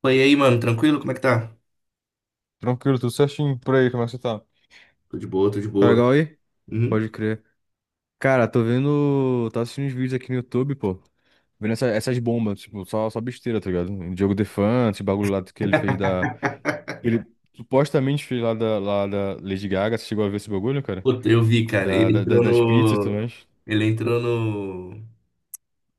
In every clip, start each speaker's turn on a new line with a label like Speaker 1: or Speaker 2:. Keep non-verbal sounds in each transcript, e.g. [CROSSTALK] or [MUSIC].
Speaker 1: Pô, e aí, mano, tranquilo? Como é que tá?
Speaker 2: Tranquilo, tudo certinho por aí, como é que você tá?
Speaker 1: Tô de boa, tô de
Speaker 2: Tá
Speaker 1: boa.
Speaker 2: legal aí?
Speaker 1: Uhum.
Speaker 2: Pode crer. Cara, tô vendo. Tô assistindo uns vídeos aqui no YouTube, pô. Vendo essas bombas, tipo, só besteira, tá ligado? Diogo Defante, esse bagulho lá que ele fez da. Ele supostamente fez lá da Lady Gaga. Você chegou a ver esse bagulho, cara?
Speaker 1: Puta, eu vi, cara. Ele entrou
Speaker 2: Das pizzas e tudo
Speaker 1: no.
Speaker 2: mais.
Speaker 1: Ele entrou no.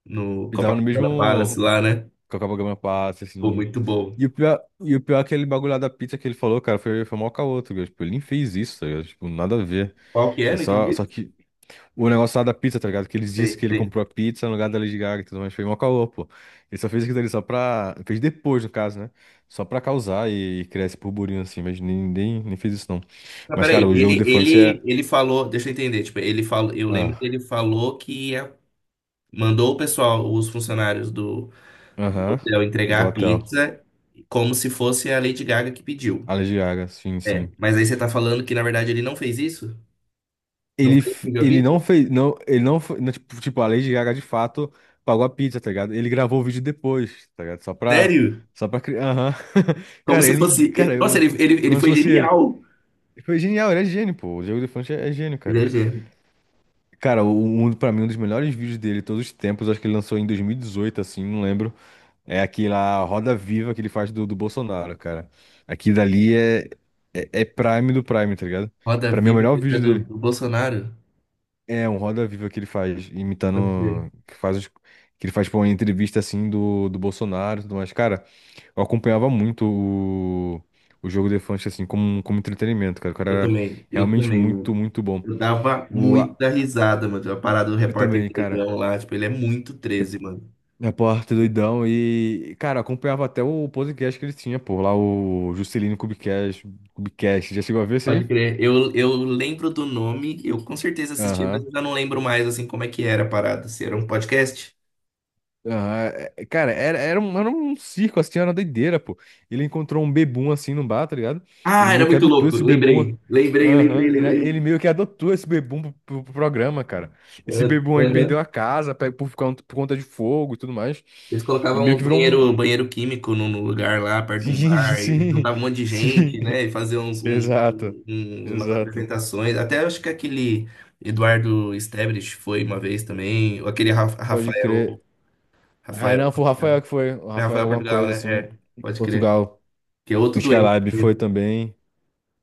Speaker 1: No
Speaker 2: Ele tava no
Speaker 1: Copacabana
Speaker 2: mesmo,
Speaker 1: Palace lá, né?
Speaker 2: com a Copacabana. Passa
Speaker 1: Pô,
Speaker 2: assim.
Speaker 1: muito bom.
Speaker 2: E o pior é aquele bagulho lá da pizza que ele falou, cara, foi mó caô, tá ligado? Tipo, ele nem fez isso, tá ligado? Tipo, nada a ver.
Speaker 1: Qual que é?
Speaker 2: Ele
Speaker 1: Não
Speaker 2: só,
Speaker 1: entendi.
Speaker 2: só que. O negócio lá da pizza, tá ligado? Que eles disseram
Speaker 1: Sei,
Speaker 2: que ele
Speaker 1: sei.
Speaker 2: comprou a pizza no lugar da Lady Gaga e tudo mais. Foi mó caô, pô. Ele só fez aquilo ali só pra. Fez depois, no caso, né? Só pra causar e criar esse burburinho assim. Mas nem fez isso, não.
Speaker 1: Ah,
Speaker 2: Mas,
Speaker 1: peraí.
Speaker 2: cara, o jogo
Speaker 1: Ele,
Speaker 2: The Fantasy
Speaker 1: ele,
Speaker 2: é.
Speaker 1: ele falou. Deixa eu entender. Tipo, ele falou. Eu lembro que ele
Speaker 2: Ah,
Speaker 1: falou mandou o pessoal, os funcionários do
Speaker 2: aham.
Speaker 1: hotel,
Speaker 2: Do
Speaker 1: entregar a
Speaker 2: hotel.
Speaker 1: pizza como se fosse a Lady Gaga que pediu.
Speaker 2: A Lady Gaga, sim,
Speaker 1: É.
Speaker 2: sim.
Speaker 1: Mas aí você tá falando que, na verdade, ele não fez isso? Não
Speaker 2: Ele,
Speaker 1: foi ele que
Speaker 2: f-
Speaker 1: pediu a
Speaker 2: ele não
Speaker 1: pizza?
Speaker 2: fez. Não, ele não, não, tipo, a Lady Gaga de fato pagou a pizza, tá ligado? Ele gravou o vídeo depois, tá ligado? Só pra.
Speaker 1: Sério?
Speaker 2: Só pra criar. Aham. [LAUGHS]
Speaker 1: Como
Speaker 2: Cara,
Speaker 1: se
Speaker 2: ele.
Speaker 1: fosse.
Speaker 2: Cara,
Speaker 1: Nossa,
Speaker 2: eu.
Speaker 1: ele
Speaker 2: Como se
Speaker 1: foi
Speaker 2: fosse ele.
Speaker 1: genial.
Speaker 2: Foi genial, ele é gênio, pô. O Diogo Defante é gênio,
Speaker 1: Ele é
Speaker 2: cara.
Speaker 1: gênio.
Speaker 2: Cara, pra mim, um dos melhores vídeos dele todos os tempos, acho que ele lançou em 2018, assim, não lembro. É aquela Roda Viva que ele faz do Bolsonaro, cara. Aqui dali é prime do prime, tá ligado?
Speaker 1: Roda
Speaker 2: Pra mim é o
Speaker 1: Viva,
Speaker 2: melhor
Speaker 1: que é
Speaker 2: vídeo
Speaker 1: do,
Speaker 2: dele.
Speaker 1: do Bolsonaro.
Speaker 2: É um Roda Viva que ele faz,
Speaker 1: Pode crer.
Speaker 2: imitando. Que ele faz, pô, uma entrevista, assim, do Bolsonaro e tudo mais. Cara, eu acompanhava muito o Diogo Defante, assim, como entretenimento, cara. O cara era
Speaker 1: Eu
Speaker 2: realmente
Speaker 1: também,
Speaker 2: muito,
Speaker 1: mano.
Speaker 2: muito bom.
Speaker 1: Eu dava
Speaker 2: O,
Speaker 1: muita risada, mano. A parada do
Speaker 2: Eu
Speaker 1: repórter
Speaker 2: também, cara.
Speaker 1: doidão lá, tipo, ele é muito 13, mano.
Speaker 2: Repórter doidão e, cara, acompanhava até o podcast que ele tinha, pô, lá o Juscelino Kubicast, Kubicast. Já chegou a ver isso aí?
Speaker 1: Pode crer. Eu lembro do nome, eu com certeza assisti, mas
Speaker 2: Aham.
Speaker 1: eu já não lembro mais, assim, como é que era a parada. Se era um podcast?
Speaker 2: Aham. Cara, era um circo, assim, era uma doideira, pô. Ele encontrou um bebum assim no bar, tá ligado? Ele
Speaker 1: Ah, era
Speaker 2: meio que
Speaker 1: muito
Speaker 2: adotou
Speaker 1: louco.
Speaker 2: esse bebum.
Speaker 1: Lembrei, lembrei, lembrei,
Speaker 2: Aham. Ele
Speaker 1: lembrei.
Speaker 2: meio que adotou esse bebum pro programa, cara. Esse
Speaker 1: Ah,
Speaker 2: bebum aí perdeu a
Speaker 1: aham.
Speaker 2: casa pe- por conta de fogo e tudo mais.
Speaker 1: Eles
Speaker 2: E
Speaker 1: colocavam
Speaker 2: meio
Speaker 1: um
Speaker 2: que virou
Speaker 1: banheiro, um
Speaker 2: um.
Speaker 1: banheiro químico num lugar lá, perto de um
Speaker 2: Sim, [LAUGHS]
Speaker 1: bar, e
Speaker 2: sim,
Speaker 1: juntava um monte de
Speaker 2: sim.
Speaker 1: gente, né? E fazia uns, um-
Speaker 2: Exato,
Speaker 1: um- umas
Speaker 2: exato.
Speaker 1: apresentações. Até acho que aquele Eduardo Estebrich foi uma vez também, ou aquele Ra-
Speaker 2: Pode
Speaker 1: Rafael,
Speaker 2: crer. Ah,
Speaker 1: Rafael,
Speaker 2: não, foi o
Speaker 1: Portugal.
Speaker 2: Rafael que foi. O
Speaker 1: É
Speaker 2: Rafael,
Speaker 1: Rafael
Speaker 2: alguma
Speaker 1: Portugal,
Speaker 2: coisa
Speaker 1: né?
Speaker 2: assim.
Speaker 1: É, pode crer.
Speaker 2: Portugal.
Speaker 1: Que é
Speaker 2: O
Speaker 1: outro doente,
Speaker 2: Skylab foi
Speaker 1: né?
Speaker 2: também.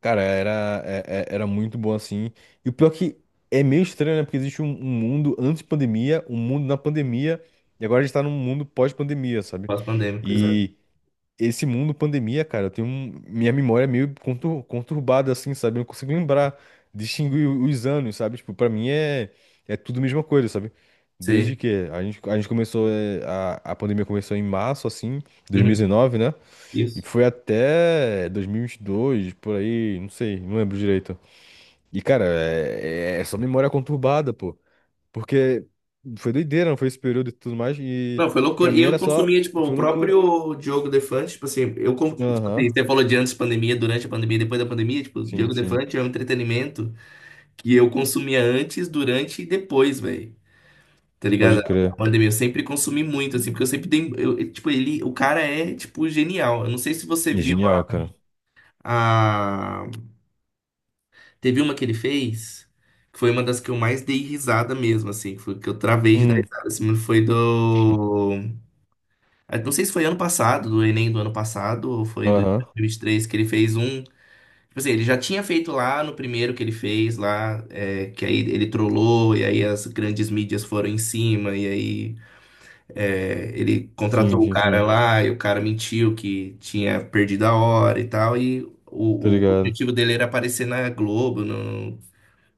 Speaker 2: Cara, era, é- é- era muito bom assim. E o pior que é meio estranho, né? Porque existe um mundo antes pandemia, um mundo na pandemia, e agora a gente tá num mundo pós-pandemia, sabe?
Speaker 1: Pós-pandêmico, exato.
Speaker 2: E esse mundo pandemia, cara, eu tenho minha memória é meio conturbada, assim, sabe? Eu não consigo lembrar, distinguir os anos, sabe? Tipo, pra mim é tudo a mesma coisa, sabe? Desde
Speaker 1: Sim.
Speaker 2: que a gente começou, é, a pandemia começou em março, assim,
Speaker 1: Uhum.
Speaker 2: 2019, né? E
Speaker 1: Isso.
Speaker 2: foi até 2022, por aí, não sei, não lembro direito. E, cara, é só memória é conturbada, pô. Porque foi doideira, não foi esse período e tudo mais. E
Speaker 1: Não, foi
Speaker 2: pra
Speaker 1: loucura. E
Speaker 2: mim
Speaker 1: eu
Speaker 2: era só,
Speaker 1: consumia, tipo, o
Speaker 2: foi loucura.
Speaker 1: próprio Diogo Defante, tipo assim, tipo
Speaker 2: Aham,
Speaker 1: assim, você falou de antes da pandemia, durante a pandemia, depois da pandemia, tipo, o
Speaker 2: sim,
Speaker 1: Diogo
Speaker 2: sim.
Speaker 1: Defante é um entretenimento que eu consumia antes, durante e depois, velho. Tá
Speaker 2: Pode
Speaker 1: ligado? A
Speaker 2: crer.
Speaker 1: pandemia, eu sempre consumi muito, assim, porque eu sempre dei, eu tipo, ele, o cara é, tipo, genial. Eu não sei se você
Speaker 2: E
Speaker 1: viu
Speaker 2: genial, cara.
Speaker 1: a, teve uma que ele fez, que foi uma das que eu mais dei risada mesmo, assim, que foi que eu travei de dar
Speaker 2: Hum,
Speaker 1: risada, assim, Não sei se foi ano passado, do Enem do ano passado, ou foi do dois
Speaker 2: aham.
Speaker 1: mil e vinte e três que ele fez um. Tipo assim, ele já tinha feito lá no primeiro que ele fez lá, é, que aí ele trollou, e aí as grandes mídias foram em cima, e aí é, ele
Speaker 2: Sim,
Speaker 1: contratou o
Speaker 2: sim,
Speaker 1: cara
Speaker 2: sim.
Speaker 1: lá, e o, cara mentiu que tinha perdido a hora e tal, e
Speaker 2: Tá
Speaker 1: o
Speaker 2: ligado?
Speaker 1: objetivo dele era aparecer na Globo,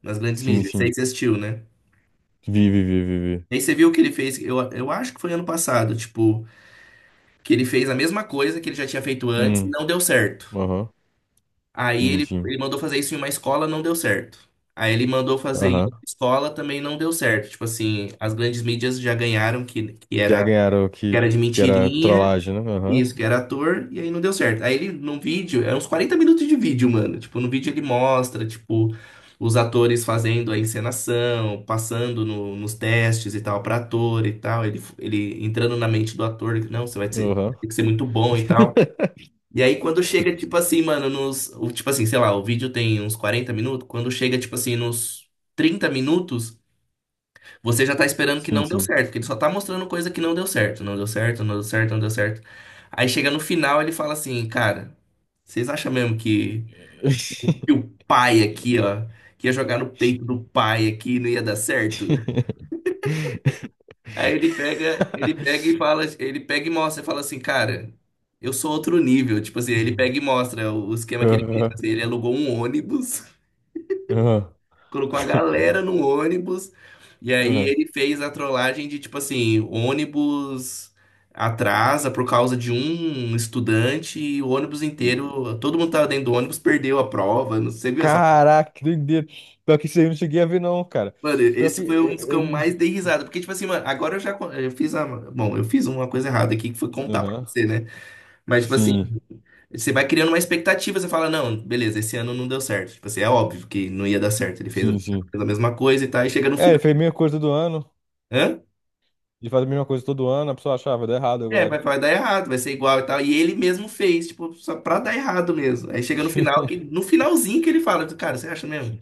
Speaker 1: nas grandes
Speaker 2: Sim,
Speaker 1: mídias. Isso aí
Speaker 2: sim.
Speaker 1: você assistiu, né?
Speaker 2: Vi, vi, vi, vi, vi.
Speaker 1: E aí você viu o que ele fez, eu acho que foi ano passado, tipo, que ele fez a mesma coisa que ele já tinha feito antes e
Speaker 2: Hum,
Speaker 1: não deu certo.
Speaker 2: aham.
Speaker 1: Aí
Speaker 2: Sim,
Speaker 1: ele,
Speaker 2: sim.
Speaker 1: ele mandou fazer isso em uma escola, não deu certo. Aí ele mandou fazer em outra
Speaker 2: Aham.
Speaker 1: escola, também não deu certo. Tipo assim, as grandes mídias já ganharam que
Speaker 2: Já
Speaker 1: era,
Speaker 2: ganharam o
Speaker 1: que
Speaker 2: que,
Speaker 1: era, de
Speaker 2: que era
Speaker 1: mentirinha,
Speaker 2: trollagem, né? Aham.
Speaker 1: isso, que era ator, e aí não deu certo. Aí ele, num vídeo, é uns 40 minutos de vídeo, mano. Tipo, no vídeo ele mostra, tipo, os atores fazendo a encenação, passando nos testes e tal, pra ator e tal. Ele entrando na mente do ator, que não, você vai ter,
Speaker 2: Aham.
Speaker 1: vai ter que ser muito bom
Speaker 2: [LAUGHS]
Speaker 1: e tal. E aí quando chega, tipo assim, mano, tipo assim, sei lá, o vídeo tem uns 40 minutos. Quando chega, tipo assim, nos 30 minutos, você já tá esperando que
Speaker 2: Sim,
Speaker 1: não deu
Speaker 2: sim.
Speaker 1: certo, porque ele só tá mostrando coisa que não deu certo. Não deu certo, não deu certo, não deu certo. Aí chega no final, ele fala assim, cara, vocês acham mesmo que o pai aqui,
Speaker 2: [LAUGHS]
Speaker 1: ó, que ia jogar no peito do pai aqui e não ia dar certo? Aí ele pega e fala, ele pega e mostra, fala assim, cara, eu sou outro nível. Tipo assim, ele pega e mostra o esquema que ele fez.
Speaker 2: Aham.
Speaker 1: Assim, ele alugou um ônibus,
Speaker 2: Aham.
Speaker 1: [LAUGHS] colocou a galera no ônibus, e aí
Speaker 2: Aham.
Speaker 1: ele fez a trollagem de, tipo assim, o ônibus atrasa por causa de um estudante e o ônibus inteiro, todo mundo tava dentro do ônibus, perdeu a prova. Não sei, viu essa.
Speaker 2: Caraca, que doideira. Pior que isso aí eu não cheguei a ver, não, cara.
Speaker 1: Mano,
Speaker 2: Pior que.
Speaker 1: esse foi um dos que eu mais dei risada. Porque, tipo assim, mano, agora eu fiz a. Bom, eu fiz uma coisa errada aqui que foi contar pra
Speaker 2: Aham.
Speaker 1: você, né? Mas, tipo assim,
Speaker 2: Sim,
Speaker 1: você vai criando uma expectativa, você fala, não, beleza, esse ano não deu certo. Tipo assim, é óbvio que não ia dar certo. Ele fez a
Speaker 2: sim, sim.
Speaker 1: fez a mesma coisa e tal, e chega no
Speaker 2: É, ele
Speaker 1: final.
Speaker 2: fez a mesma coisa todo ano,
Speaker 1: Hã?
Speaker 2: de fazer a mesma coisa todo ano, a pessoa achava, deu errado
Speaker 1: É, vai,
Speaker 2: agora.
Speaker 1: vai dar errado, vai ser igual e tal. E ele mesmo fez, tipo, só pra dar errado mesmo. Aí chega no final, que,
Speaker 2: [LAUGHS]
Speaker 1: no finalzinho que ele fala, cara, você acha mesmo?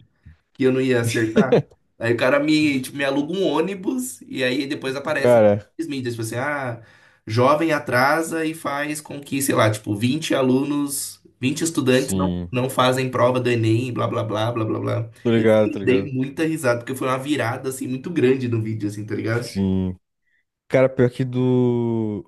Speaker 1: Que eu não ia acertar. Aí o cara me, tipo, me aluga um ônibus e aí depois aparece
Speaker 2: Cara,
Speaker 1: nas mídias, tipo assim, ah, jovem atrasa e faz com que, sei lá, tipo, 20 estudantes não,
Speaker 2: sim.
Speaker 1: não fazem prova do Enem, blá, blá, blá, blá, blá, blá.
Speaker 2: Tô
Speaker 1: Esse
Speaker 2: ligado,
Speaker 1: eu
Speaker 2: tô
Speaker 1: dei
Speaker 2: ligado.
Speaker 1: muita risada, porque foi uma virada, assim, muito grande no vídeo, assim, tá ligado?
Speaker 2: Sim. Cara, pior que do.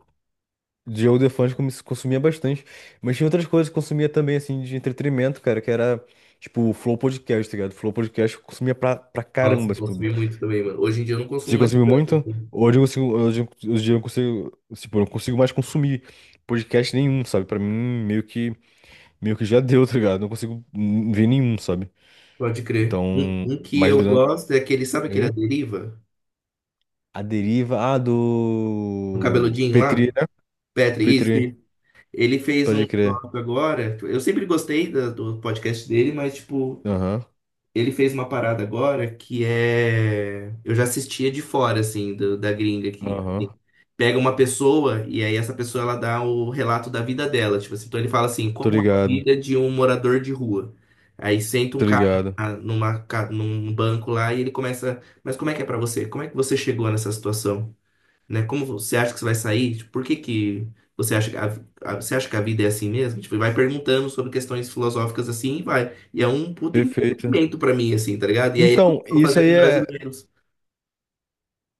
Speaker 2: De Joe Defante como se consumia bastante. Mas tinha outras coisas que consumia também, assim, de entretenimento, cara, que era, tipo, o Flow Podcast, tá ligado? Flow Podcast eu consumia pra, pra
Speaker 1: Nossa,
Speaker 2: caramba,
Speaker 1: eu
Speaker 2: tipo.
Speaker 1: consumi muito também, mano. Hoje em dia eu não
Speaker 2: Você
Speaker 1: consumo mais
Speaker 2: consumiu
Speaker 1: tanto,
Speaker 2: muito?
Speaker 1: assim.
Speaker 2: Hoje eu consigo. Hoje eu não consigo. Tipo, eu não consigo mais consumir podcast nenhum, sabe? Pra mim, meio que. Meio que já deu, tá ligado? Não consigo ver nenhum, sabe?
Speaker 1: Pode crer. Um,
Speaker 2: Então,
Speaker 1: um que
Speaker 2: mais
Speaker 1: eu
Speaker 2: durante.
Speaker 1: gosto é aquele, sabe aquele A
Speaker 2: Hein?
Speaker 1: Deriva?
Speaker 2: A deriva. Ah,
Speaker 1: No
Speaker 2: do.
Speaker 1: cabeludinho
Speaker 2: Petri,
Speaker 1: lá?
Speaker 2: né?
Speaker 1: Petri, isso.
Speaker 2: Petri,
Speaker 1: Ele fez um
Speaker 2: pode crer.
Speaker 1: negócio agora. Eu sempre gostei do podcast dele, mas, tipo,
Speaker 2: Aham,
Speaker 1: ele fez uma parada agora que é. Eu já assistia de fora, assim, da gringa aqui.
Speaker 2: aham.
Speaker 1: Pega uma pessoa e aí essa pessoa ela dá o relato da vida dela. Tipo assim, então ele fala assim,
Speaker 2: Tô
Speaker 1: como é a
Speaker 2: ligado,
Speaker 1: vida de um morador de rua. Aí senta um
Speaker 2: tô
Speaker 1: cara
Speaker 2: ligado.
Speaker 1: num banco lá e ele começa. Mas como é que é pra você? Como é que você chegou nessa situação? Né? Como você acha que você vai sair? Tipo, por que que você acha que você acha que a vida é assim mesmo? Tipo, e vai perguntando sobre questões filosóficas assim e vai. E é um puta
Speaker 2: Perfeito.
Speaker 1: entretenimento pra mim, assim, tá ligado? E aí ele
Speaker 2: Então,
Speaker 1: começou a
Speaker 2: isso
Speaker 1: fazer
Speaker 2: aí
Speaker 1: com
Speaker 2: é.
Speaker 1: brasileiros.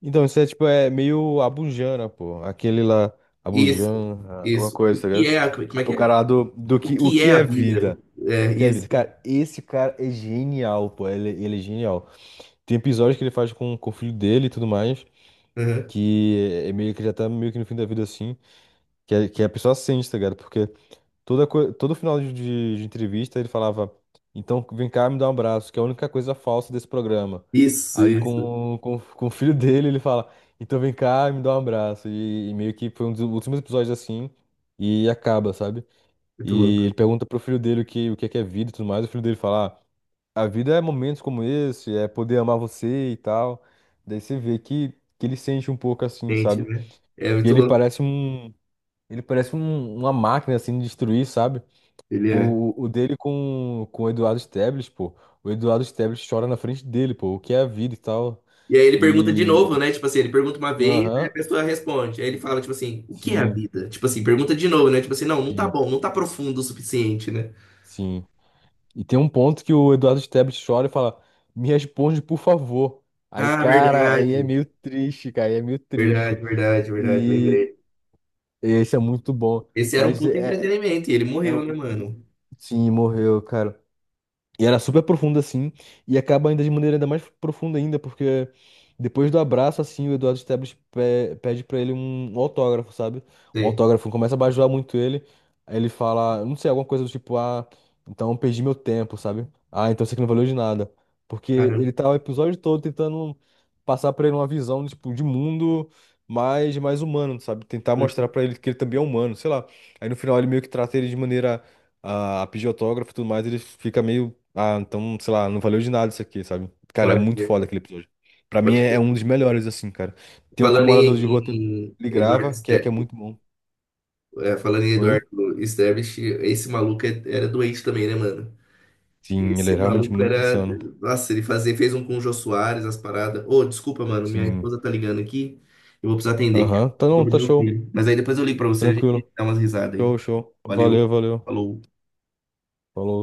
Speaker 2: Então, isso é tipo, é meio Abujamra, pô. Aquele lá,
Speaker 1: Isso,
Speaker 2: Abujamra, alguma
Speaker 1: isso. O
Speaker 2: coisa, tá
Speaker 1: que
Speaker 2: ligado?
Speaker 1: é a, Como é que
Speaker 2: O
Speaker 1: é?
Speaker 2: cara lá do, do
Speaker 1: O
Speaker 2: que, o
Speaker 1: que
Speaker 2: que
Speaker 1: é a
Speaker 2: é
Speaker 1: vida?
Speaker 2: vida.
Speaker 1: É,
Speaker 2: O que é vida?
Speaker 1: isso.
Speaker 2: Cara, esse cara é genial, pô. Ele é genial. Tem episódios que ele faz com o filho dele e tudo mais,
Speaker 1: Aham.
Speaker 2: que é meio que já tá meio que no fim da vida assim, que, a- que é a pessoa sente, tá ligado? Porque todo final de entrevista ele falava, então vem cá me dar um abraço, que é a única coisa falsa desse programa.
Speaker 1: Isso,
Speaker 2: Aí
Speaker 1: isso.
Speaker 2: com o filho dele ele fala, então vem cá me dá um abraço. E meio que foi um dos últimos episódios assim, e acaba, sabe?
Speaker 1: Muito
Speaker 2: E
Speaker 1: louco.
Speaker 2: ele pergunta pro filho dele o que é vida e tudo mais, o filho dele fala: "Ah, a vida é momentos como esse, é poder amar você e tal. Daí você vê que ele sente um pouco assim,
Speaker 1: Gente,
Speaker 2: sabe?
Speaker 1: né? É
Speaker 2: E
Speaker 1: muito
Speaker 2: ele
Speaker 1: louco.
Speaker 2: parece uma máquina assim de destruir, sabe?
Speaker 1: Ele é.
Speaker 2: O dele com o Eduardo Sterblitch, pô. O Eduardo Sterblitch chora na frente dele, pô. O que é a vida e tal.
Speaker 1: E aí ele pergunta de novo,
Speaker 2: E.
Speaker 1: né? Tipo assim, ele pergunta uma vez, aí a
Speaker 2: Aham.
Speaker 1: pessoa responde. Aí ele fala, tipo assim, o que é a
Speaker 2: Sim,
Speaker 1: vida? Tipo assim, pergunta de novo, né? Tipo assim, não, não tá
Speaker 2: sim,
Speaker 1: bom, não tá profundo o suficiente, né?
Speaker 2: sim. E tem um ponto que o Eduardo Sterblitch chora e fala: Me responde, por favor. Aí,
Speaker 1: Ah,
Speaker 2: cara, aí é
Speaker 1: verdade.
Speaker 2: meio triste, cara. Aí é meio
Speaker 1: Verdade,
Speaker 2: triste.
Speaker 1: verdade, verdade,
Speaker 2: E,
Speaker 1: lembrei.
Speaker 2: esse é muito bom.
Speaker 1: Esse era um
Speaker 2: Mas
Speaker 1: puto
Speaker 2: é,
Speaker 1: entretenimento e ele
Speaker 2: é
Speaker 1: morreu, né,
Speaker 2: um.
Speaker 1: mano?
Speaker 2: Sim, morreu, cara. E era super profundo assim, e acaba ainda de maneira ainda mais profunda ainda, porque depois do abraço, assim, o Eduardo Sterblitch pe- pede pra ele um autógrafo, sabe? Um
Speaker 1: Sei.
Speaker 2: autógrafo, começa a bajular muito ele, aí ele fala, não sei, alguma coisa do tipo, ah, então eu perdi meu tempo, sabe? Ah, então isso aqui não valeu de nada. Porque
Speaker 1: Caramba.
Speaker 2: ele tá o episódio todo tentando passar pra ele uma visão, tipo, de mundo mais humano, sabe? Tentar mostrar
Speaker 1: Hum.
Speaker 2: pra ele que ele também é humano, sei lá. Aí no final ele meio que trata ele de maneira a pedir autógrafo e tudo mais, ele fica meio. Ah, então, sei lá, não valeu de nada isso aqui, sabe? Cara, é
Speaker 1: Pode
Speaker 2: muito
Speaker 1: crer,
Speaker 2: foda aquele episódio. Pra
Speaker 1: pode
Speaker 2: mim é
Speaker 1: crer.
Speaker 2: um dos melhores, assim, cara. Tem um com
Speaker 1: Falando
Speaker 2: morador
Speaker 1: em,
Speaker 2: de rua também.
Speaker 1: em
Speaker 2: Ele
Speaker 1: Eduardo
Speaker 2: grava, que é
Speaker 1: Ster...
Speaker 2: muito bom.
Speaker 1: É, falando em
Speaker 2: Oi?
Speaker 1: Eduardo Sterblitch, esse maluco era doente também, né, mano?
Speaker 2: Sim, ele é
Speaker 1: Esse
Speaker 2: realmente
Speaker 1: maluco
Speaker 2: muito
Speaker 1: era.
Speaker 2: insano.
Speaker 1: Nossa, ele fez um com o Jô Soares, as paradas. Ô, desculpa, mano, minha
Speaker 2: Sim.
Speaker 1: esposa tá ligando aqui. Eu vou precisar atender, que é
Speaker 2: Aham. Tá não,
Speaker 1: sobre
Speaker 2: tá
Speaker 1: meu
Speaker 2: show.
Speaker 1: filho. Mas aí depois eu ligo pra você, a gente
Speaker 2: Tranquilo.
Speaker 1: dá umas risadas aí.
Speaker 2: Show, show.
Speaker 1: Valeu.
Speaker 2: Valeu, valeu.
Speaker 1: Falou.
Speaker 2: Falou.